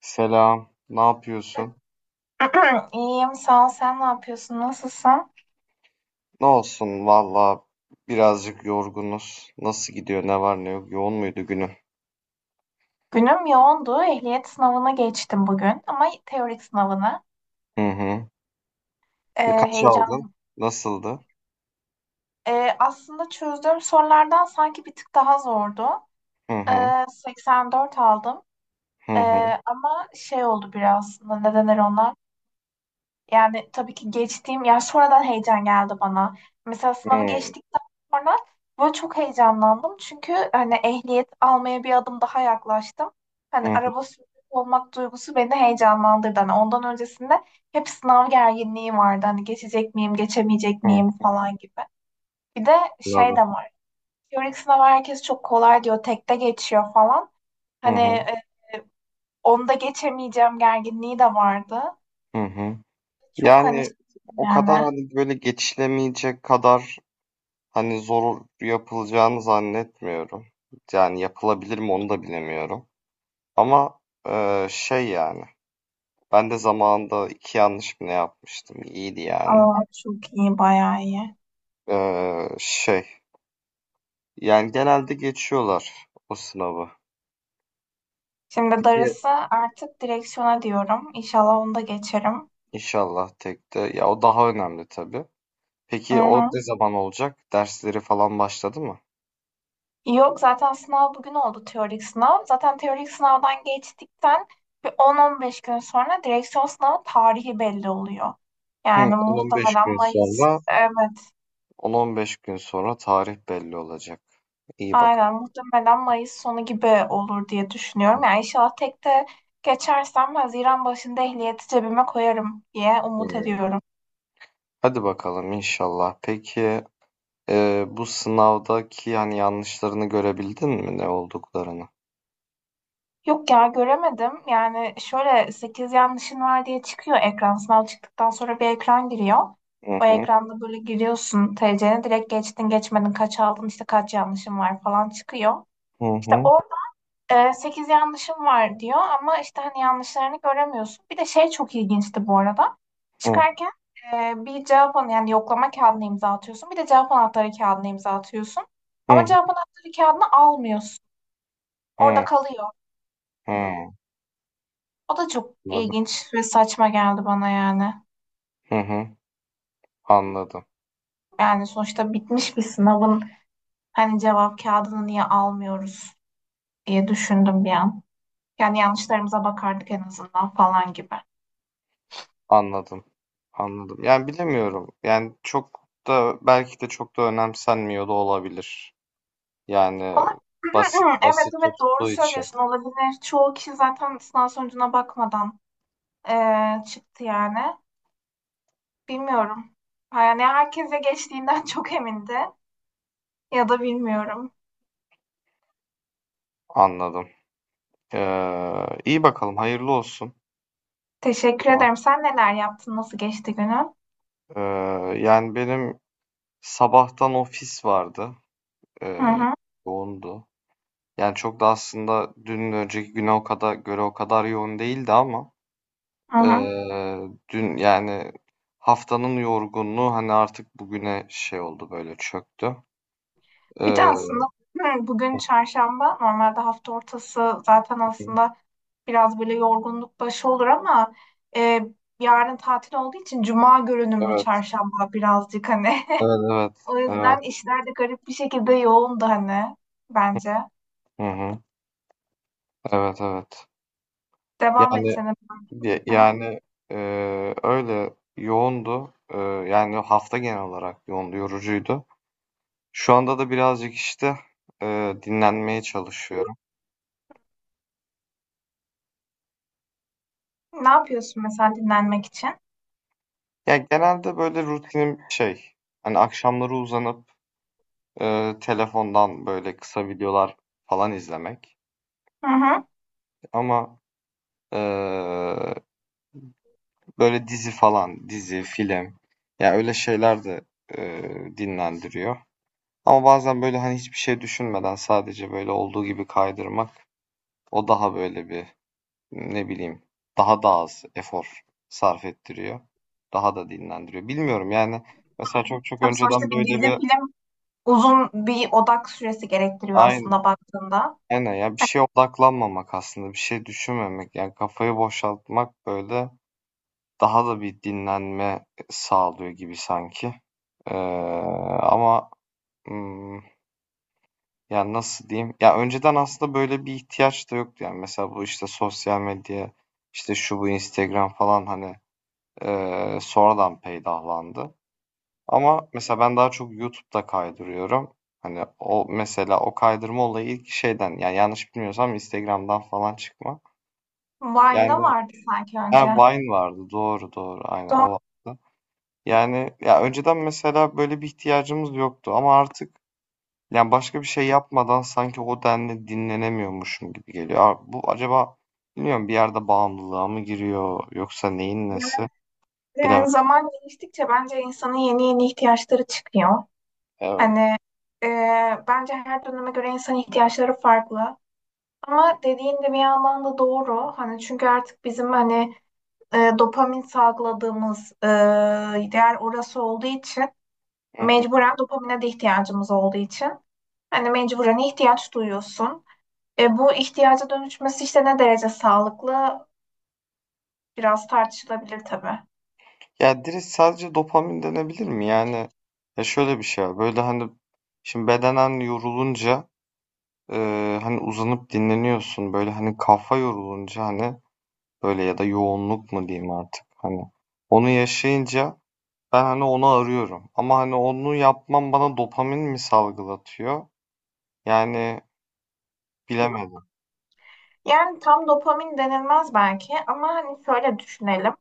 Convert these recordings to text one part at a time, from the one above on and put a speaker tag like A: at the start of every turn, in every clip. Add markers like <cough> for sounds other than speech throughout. A: Selam, ne yapıyorsun?
B: <clears throat> İyiyim, sağ ol. Sen ne yapıyorsun? Nasılsın?
A: Ne olsun valla, birazcık yorgunuz. Nasıl gidiyor, ne var ne yok? Yoğun muydu günün?
B: Günüm yoğundu. Ehliyet sınavına geçtim bugün ama teorik sınavını.
A: Hı hı.
B: Ee,
A: Kaç aldın?
B: heyecan.
A: Nasıldı?
B: Aslında çözdüğüm sorulardan sanki bir tık daha zordu.
A: Hı hı.
B: 84 aldım.
A: Hı
B: Ee,
A: hı.
B: ama şey oldu biraz aslında. Ne denir ona? Yani tabii ki geçtiğim, ya sonradan heyecan geldi bana. Mesela
A: Hı
B: sınavı
A: hı.
B: geçtikten sonra böyle çok heyecanlandım. Çünkü hani ehliyet almaya bir adım daha yaklaştım. Hani
A: Hı
B: araba sürücüsü olmak duygusu beni heyecanlandırdı. Hani ondan öncesinde hep sınav gerginliği vardı. Hani geçecek miyim, geçemeyecek
A: hı.
B: miyim falan gibi. Bir de şey de
A: Anladım.
B: var. Teorik sınav herkes çok kolay diyor, tekte geçiyor falan.
A: Hı
B: Hani
A: hı.
B: onu da geçemeyeceğim gerginliği de vardı.
A: Hı hı.
B: Çok hani
A: Yani
B: şey
A: o
B: yani.
A: kadar hani böyle geçilemeyecek kadar hani zor yapılacağını zannetmiyorum. Yani yapılabilir mi onu da bilemiyorum. Ama şey yani. Ben de zamanında iki yanlış mı ne yapmıştım? İyiydi yani.
B: Aa, çok iyi, bayağı iyi.
A: Şey yani genelde geçiyorlar o sınavı.
B: Şimdi
A: Peki
B: darısı artık direksiyona diyorum. İnşallah onu da geçerim.
A: inşallah tek de ya o daha önemli tabii.
B: Hı
A: Peki o
B: hı.
A: ne zaman olacak? Dersleri falan başladı mı?
B: Yok, zaten sınav bugün oldu, teorik sınav. Zaten teorik sınavdan geçtikten bir 10-15 gün sonra direksiyon sınavı tarihi belli oluyor.
A: Hı,
B: Yani
A: 10-15 gün
B: muhtemelen Mayıs,
A: sonra,
B: evet,
A: 10-15 gün sonra tarih belli olacak. İyi bak.
B: aynen, muhtemelen Mayıs sonu gibi olur diye düşünüyorum. Yani inşallah tek de geçersem Haziran başında ehliyeti cebime koyarım diye umut
A: Hı.
B: ediyorum.
A: Hadi bakalım inşallah. Peki e, bu sınavdaki yani yanlışlarını görebildin mi ne olduklarını?
B: Yok ya, göremedim. Yani şöyle, 8 yanlışın var diye çıkıyor ekran. Sınav çıktıktan sonra bir ekran giriyor.
A: Hı
B: O
A: hı,
B: ekranda böyle giriyorsun, T.C.'ne direkt, geçtin geçmedin, kaç aldın, işte kaç yanlışın var falan çıkıyor.
A: hı
B: İşte
A: hı,
B: orada 8 yanlışım var diyor ama işte hani yanlışlarını göremiyorsun. Bir de şey çok ilginçti bu arada.
A: hı
B: Çıkarken bir cevap anı, yani yoklama kağıdına imza atıyorsun. Bir de cevap anahtarı kağıdına imza atıyorsun. Ama cevap anahtarı kağıdını almıyorsun. Orada
A: hı,
B: kalıyor.
A: hı hı.
B: O da çok
A: Anladım.
B: ilginç ve saçma geldi bana yani.
A: Hı hı, anladım.
B: Yani sonuçta bitmiş bir sınavın hani cevap kağıdını niye almıyoruz diye düşündüm bir an. Yani yanlışlarımıza bakardık en azından falan gibi.
A: Anladım. Anladım. Yani bilemiyorum. Yani çok da belki de çok da önemsenmiyor da olabilir. Yani
B: Ona-
A: basit
B: <clears throat> Evet
A: basit
B: evet, doğru
A: tuttuğu için
B: söylüyorsun, olabilir. Çoğu kişi zaten sınav sonucuna bakmadan çıktı yani. Bilmiyorum. Yani herkese geçtiğinden <laughs> çok emindi ya da bilmiyorum.
A: anladım. İyi bakalım. Hayırlı olsun o
B: Teşekkür
A: zaman.
B: ederim. Sen neler yaptın? Nasıl geçti günün?
A: Ee, yani benim sabahtan ofis vardı.
B: Hı
A: Ee,
B: hı.
A: yoğundu. Yani çok da aslında dün önceki güne o kadar göre o kadar yoğun değildi ama
B: Hı hı.
A: ee, dün yani haftanın yorgunluğu hani artık bugüne şey oldu böyle çöktü.
B: Bir de
A: Eee,
B: aslında hı, bugün çarşamba. Normalde hafta ortası zaten
A: evet,
B: aslında biraz böyle yorgunluk başı olur ama e, yarın tatil olduğu için cuma görünümlü
A: evet,
B: çarşamba birazcık hani. <laughs>
A: evet, evet.
B: O yüzden işler de garip bir şekilde yoğundu hani bence.
A: Hı hı. Evet, evet.
B: Devam et
A: Yani
B: canım. Hı hı.
A: yani öyle yoğundu. Yani hafta genel olarak yoğundu, yorucuydu. Şu anda da birazcık işte dinlenmeye çalışıyorum.
B: Ne yapıyorsun mesela dinlenmek için?
A: Ya genelde böyle rutinim şey, hani akşamları uzanıp telefondan böyle kısa videolar falan izlemek.
B: Hı hı.
A: Ama eee böyle dizi falan, dizi, film. Ya öyle şeyler de dinlendiriyor. Ama bazen böyle hani hiçbir şey düşünmeden sadece böyle olduğu gibi kaydırmak o daha böyle bir ne bileyim daha da az efor sarf ettiriyor. Daha da dinlendiriyor. Bilmiyorum yani, mesela çok çok
B: Tabii
A: önceden
B: sonuçta bir
A: böyle
B: dizi
A: bir
B: film uzun bir odak süresi gerektiriyor
A: aynı
B: aslında baktığında.
A: aynen ya, bir şeye odaklanmamak aslında bir şey düşünmemek yani kafayı boşaltmak böyle daha da bir dinlenme sağlıyor gibi sanki. Eee, ama, ımm, yani, nasıl diyeyim? Ya, önceden aslında böyle bir ihtiyaç da yoktu. Yani, mesela bu, işte, sosyal medya, işte, şu bu Instagram falan, hani, sonradan peydahlandı. Ama mesela ben daha çok YouTube'da kaydırıyorum. Hani, o mesela o kaydırma olayı ilk şeyden, yani, yanlış bilmiyorsam Instagram'dan falan çıkma.
B: Vine'da
A: Yani
B: vardı sanki
A: ha,
B: önce.
A: Vine vardı. Doğru, doğru. Aynen o
B: Doğru.
A: vardı. Yani ya önceden mesela böyle bir ihtiyacımız yoktu ama artık yani başka bir şey yapmadan sanki o denli dinlenemiyormuşum gibi geliyor. Abi bu acaba bilmiyorum bir yerde bağımlılığa mı giriyor yoksa neyin nesi bilemem.
B: Yani zaman geçtikçe bence insanın yeni yeni ihtiyaçları çıkıyor. Hani
A: Evet.
B: e, bence her döneme göre insan ihtiyaçları farklı. Ama dediğin de bir yandan da doğru. Hani çünkü artık bizim hani dopamin salgıladığımız değer orası olduğu için,
A: Hı hı.
B: mecburen dopamine de ihtiyacımız olduğu için hani mecburen ihtiyaç duyuyorsun. Bu ihtiyaca dönüşmesi işte ne derece sağlıklı, biraz tartışılabilir tabii.
A: Ya direkt sadece dopamin denebilir mi? Yani ya şöyle bir şey var. Böyle hani şimdi bedenen yorulunca e, hani uzanıp dinleniyorsun. Böyle hani kafa yorulunca hani böyle ya da yoğunluk mu diyeyim artık hani onu yaşayınca ben hani onu arıyorum. Ama hani onu yapmam bana dopamin mi salgılatıyor? Yani bilemedim.
B: Yani tam dopamin denilmez belki ama hani şöyle düşünelim.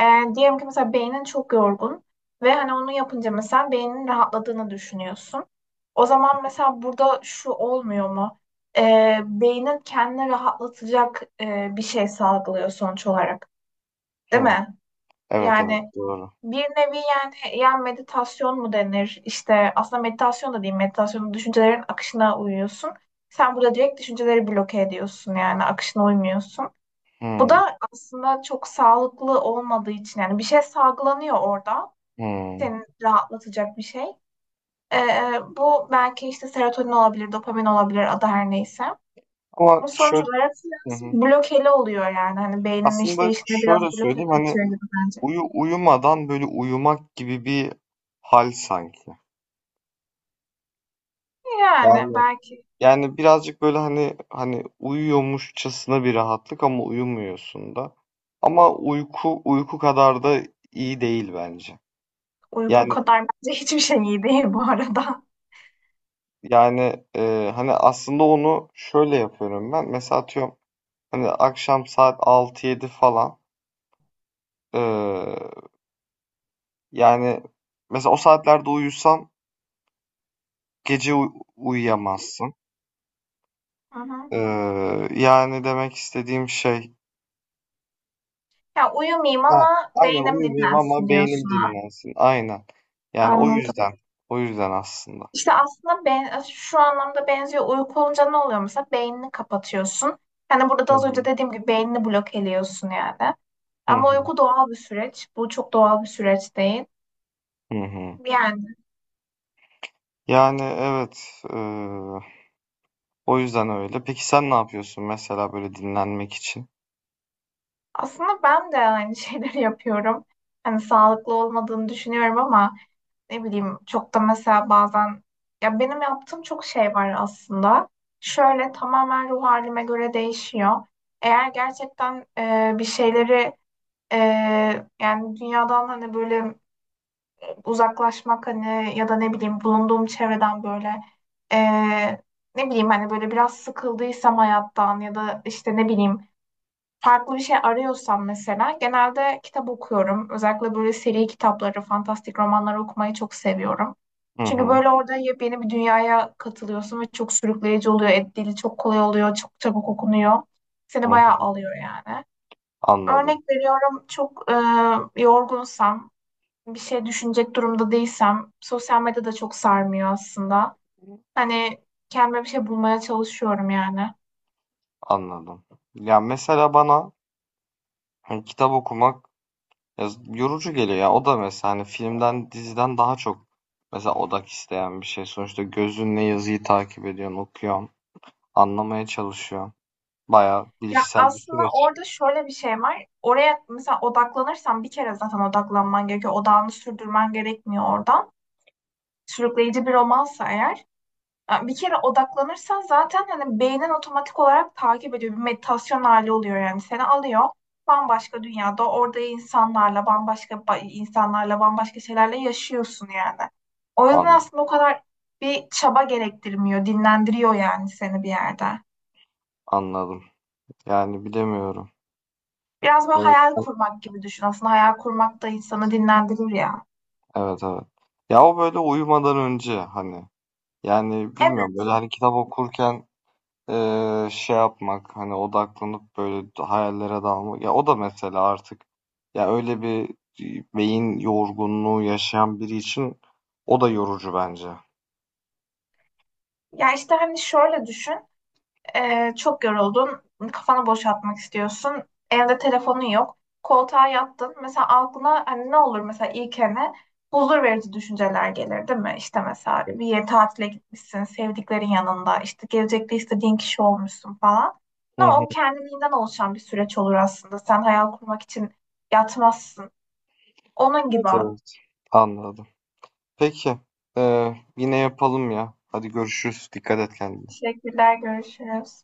B: Diyelim ki mesela beynin çok yorgun ve hani onu yapınca mesela beynin rahatladığını düşünüyorsun. O zaman mesela burada şu olmuyor mu? Beynin kendini rahatlatacak bir şey salgılıyor sonuç olarak, değil
A: Hı.
B: mi?
A: Evet evet
B: Yani
A: doğru.
B: bir nevi, yani meditasyon mu denir? İşte aslında meditasyon da değil, meditasyon düşüncelerin akışına uyuyorsun. Sen burada direkt düşünceleri bloke ediyorsun, yani akışına uymuyorsun. Bu
A: Hı.
B: da aslında çok sağlıklı olmadığı için yani bir şey salgılanıyor orada.
A: Hı.
B: Seni rahatlatacak bir şey. Ee, bu belki işte serotonin olabilir, dopamin olabilir, adı her neyse.
A: Ama
B: Ama sonuç
A: şöyle
B: olarak
A: hı
B: biraz
A: hı.
B: blokeli oluyor yani. Hani beynin
A: Aslında
B: işleyişine biraz
A: şöyle
B: bloke
A: söyleyeyim hani
B: katıyor gibi bence.
A: uyumadan böyle uyumak gibi bir hal sanki.
B: Yani
A: Yani
B: belki
A: yani birazcık böyle hani uyuyormuşçasına bir rahatlık ama uyumuyorsun da. Ama uyku kadar da iyi değil bence.
B: uyku
A: Yani
B: kadar bence <laughs> hiçbir şey iyi değil bu arada.
A: yani e, hani aslında onu şöyle yapıyorum ben. Mesela atıyorum hani akşam saat altı yedi falan. E, yani mesela o saatlerde uyusan gece uyuyamazsın.
B: Hı hı.
A: E, yani demek istediğim şey.
B: Ya uyumayayım
A: Ha,
B: ama
A: aynen
B: beynim
A: uyumayayım ama
B: dinlensin
A: beynim
B: diyorsun ha.
A: dinlensin. Aynen. Yani o
B: Anladım.
A: yüzden. O yüzden aslında.
B: İşte aslında ben, şu anlamda benziyor. Uyku olunca ne oluyor mesela? Beynini kapatıyorsun. Hani burada
A: Hı
B: da az önce
A: hı.
B: dediğim gibi beynini blok ediyorsun yani.
A: Hı
B: Ama
A: hı.
B: uyku doğal bir süreç. Bu çok doğal bir süreç değil.
A: Hı hı.
B: Yani
A: Yani evet. E, o yüzden öyle. Peki sen ne yapıyorsun mesela böyle dinlenmek için?
B: aslında ben de aynı şeyleri <laughs> yapıyorum. Hani sağlıklı olmadığını düşünüyorum ama ne bileyim, çok da mesela bazen, ya benim yaptığım çok şey var aslında. Şöyle tamamen ruh halime göre değişiyor. Eğer gerçekten bir şeyleri, yani dünyadan hani böyle uzaklaşmak, hani ya da ne bileyim bulunduğum çevreden böyle eee, ne bileyim hani, böyle biraz sıkıldıysam hayattan ya da işte ne bileyim farklı bir şey arıyorsam, mesela genelde kitap okuyorum. Özellikle böyle seri kitapları, fantastik romanları okumayı çok seviyorum.
A: Hı
B: Çünkü
A: hı.
B: böyle orada yepyeni bir dünyaya katılıyorsun ve çok sürükleyici oluyor. Et dili çok kolay oluyor, çok çabuk okunuyor.
A: Hı
B: Seni bayağı
A: hı.
B: alıyor yani. Örnek
A: Anladım.
B: veriyorum, çok yorgunsam, bir şey düşünecek durumda değilsem sosyal medya da çok sarmıyor aslında. Hani kendime bir şey bulmaya çalışıyorum yani.
A: Anladım. Ya mesela bana hani kitap okumak ya yorucu geliyor ya. O da mesela hani filmden, diziden daha çok mesela odak isteyen bir şey. Sonuçta gözünle yazıyı takip ediyorsun, okuyorsun, anlamaya çalışıyorsun. Bayağı
B: Ya
A: bilişsel bir
B: aslında
A: süreç.
B: orada şöyle bir şey var. Oraya mesela odaklanırsan, bir kere zaten odaklanman gerekiyor. Odağını sürdürmen gerekmiyor oradan. Sürükleyici bir romansa eğer. Yani bir kere odaklanırsan zaten hani beynin otomatik olarak takip ediyor. Bir meditasyon hali oluyor yani, seni alıyor. Bambaşka dünyada orada insanlarla bambaşka şeylerle yaşıyorsun yani. O yüzden
A: An-
B: aslında o kadar bir çaba gerektirmiyor. Dinlendiriyor yani seni bir yerde.
A: Anladım. Yani bilemiyorum.
B: Biraz böyle
A: Evet,
B: hayal kurmak gibi düşün. Aslında hayal kurmak da insanı dinlendirir ya.
A: evet, evet. Ya o böyle uyumadan önce hani yani bilmiyorum
B: Evet.
A: böyle hani kitap okurken şey yapmak hani odaklanıp böyle hayallere dalmak ya o da mesela artık ya öyle bir beyin yorgunluğu yaşayan biri için o da yorucu bence.
B: Ya işte hani şöyle düşün. Çok yoruldun, kafanı boşaltmak istiyorsun, evde telefonun yok, koltuğa yattın. Mesela aklına hani ne olur, mesela ilkene hani huzur verici düşünceler gelir değil mi? İşte mesela bir yere tatile gitmişsin, sevdiklerin yanında, işte gelecekte istediğin kişi olmuşsun falan.
A: Hı
B: Ama
A: hı.
B: o kendiliğinden oluşan bir süreç olur aslında. Sen hayal kurmak için yatmazsın. Onun
A: Evet,
B: gibi.
A: evet. Anladım. Peki. Yine yapalım ya. Hadi görüşürüz. Dikkat et kendine.
B: Teşekkürler, görüşürüz.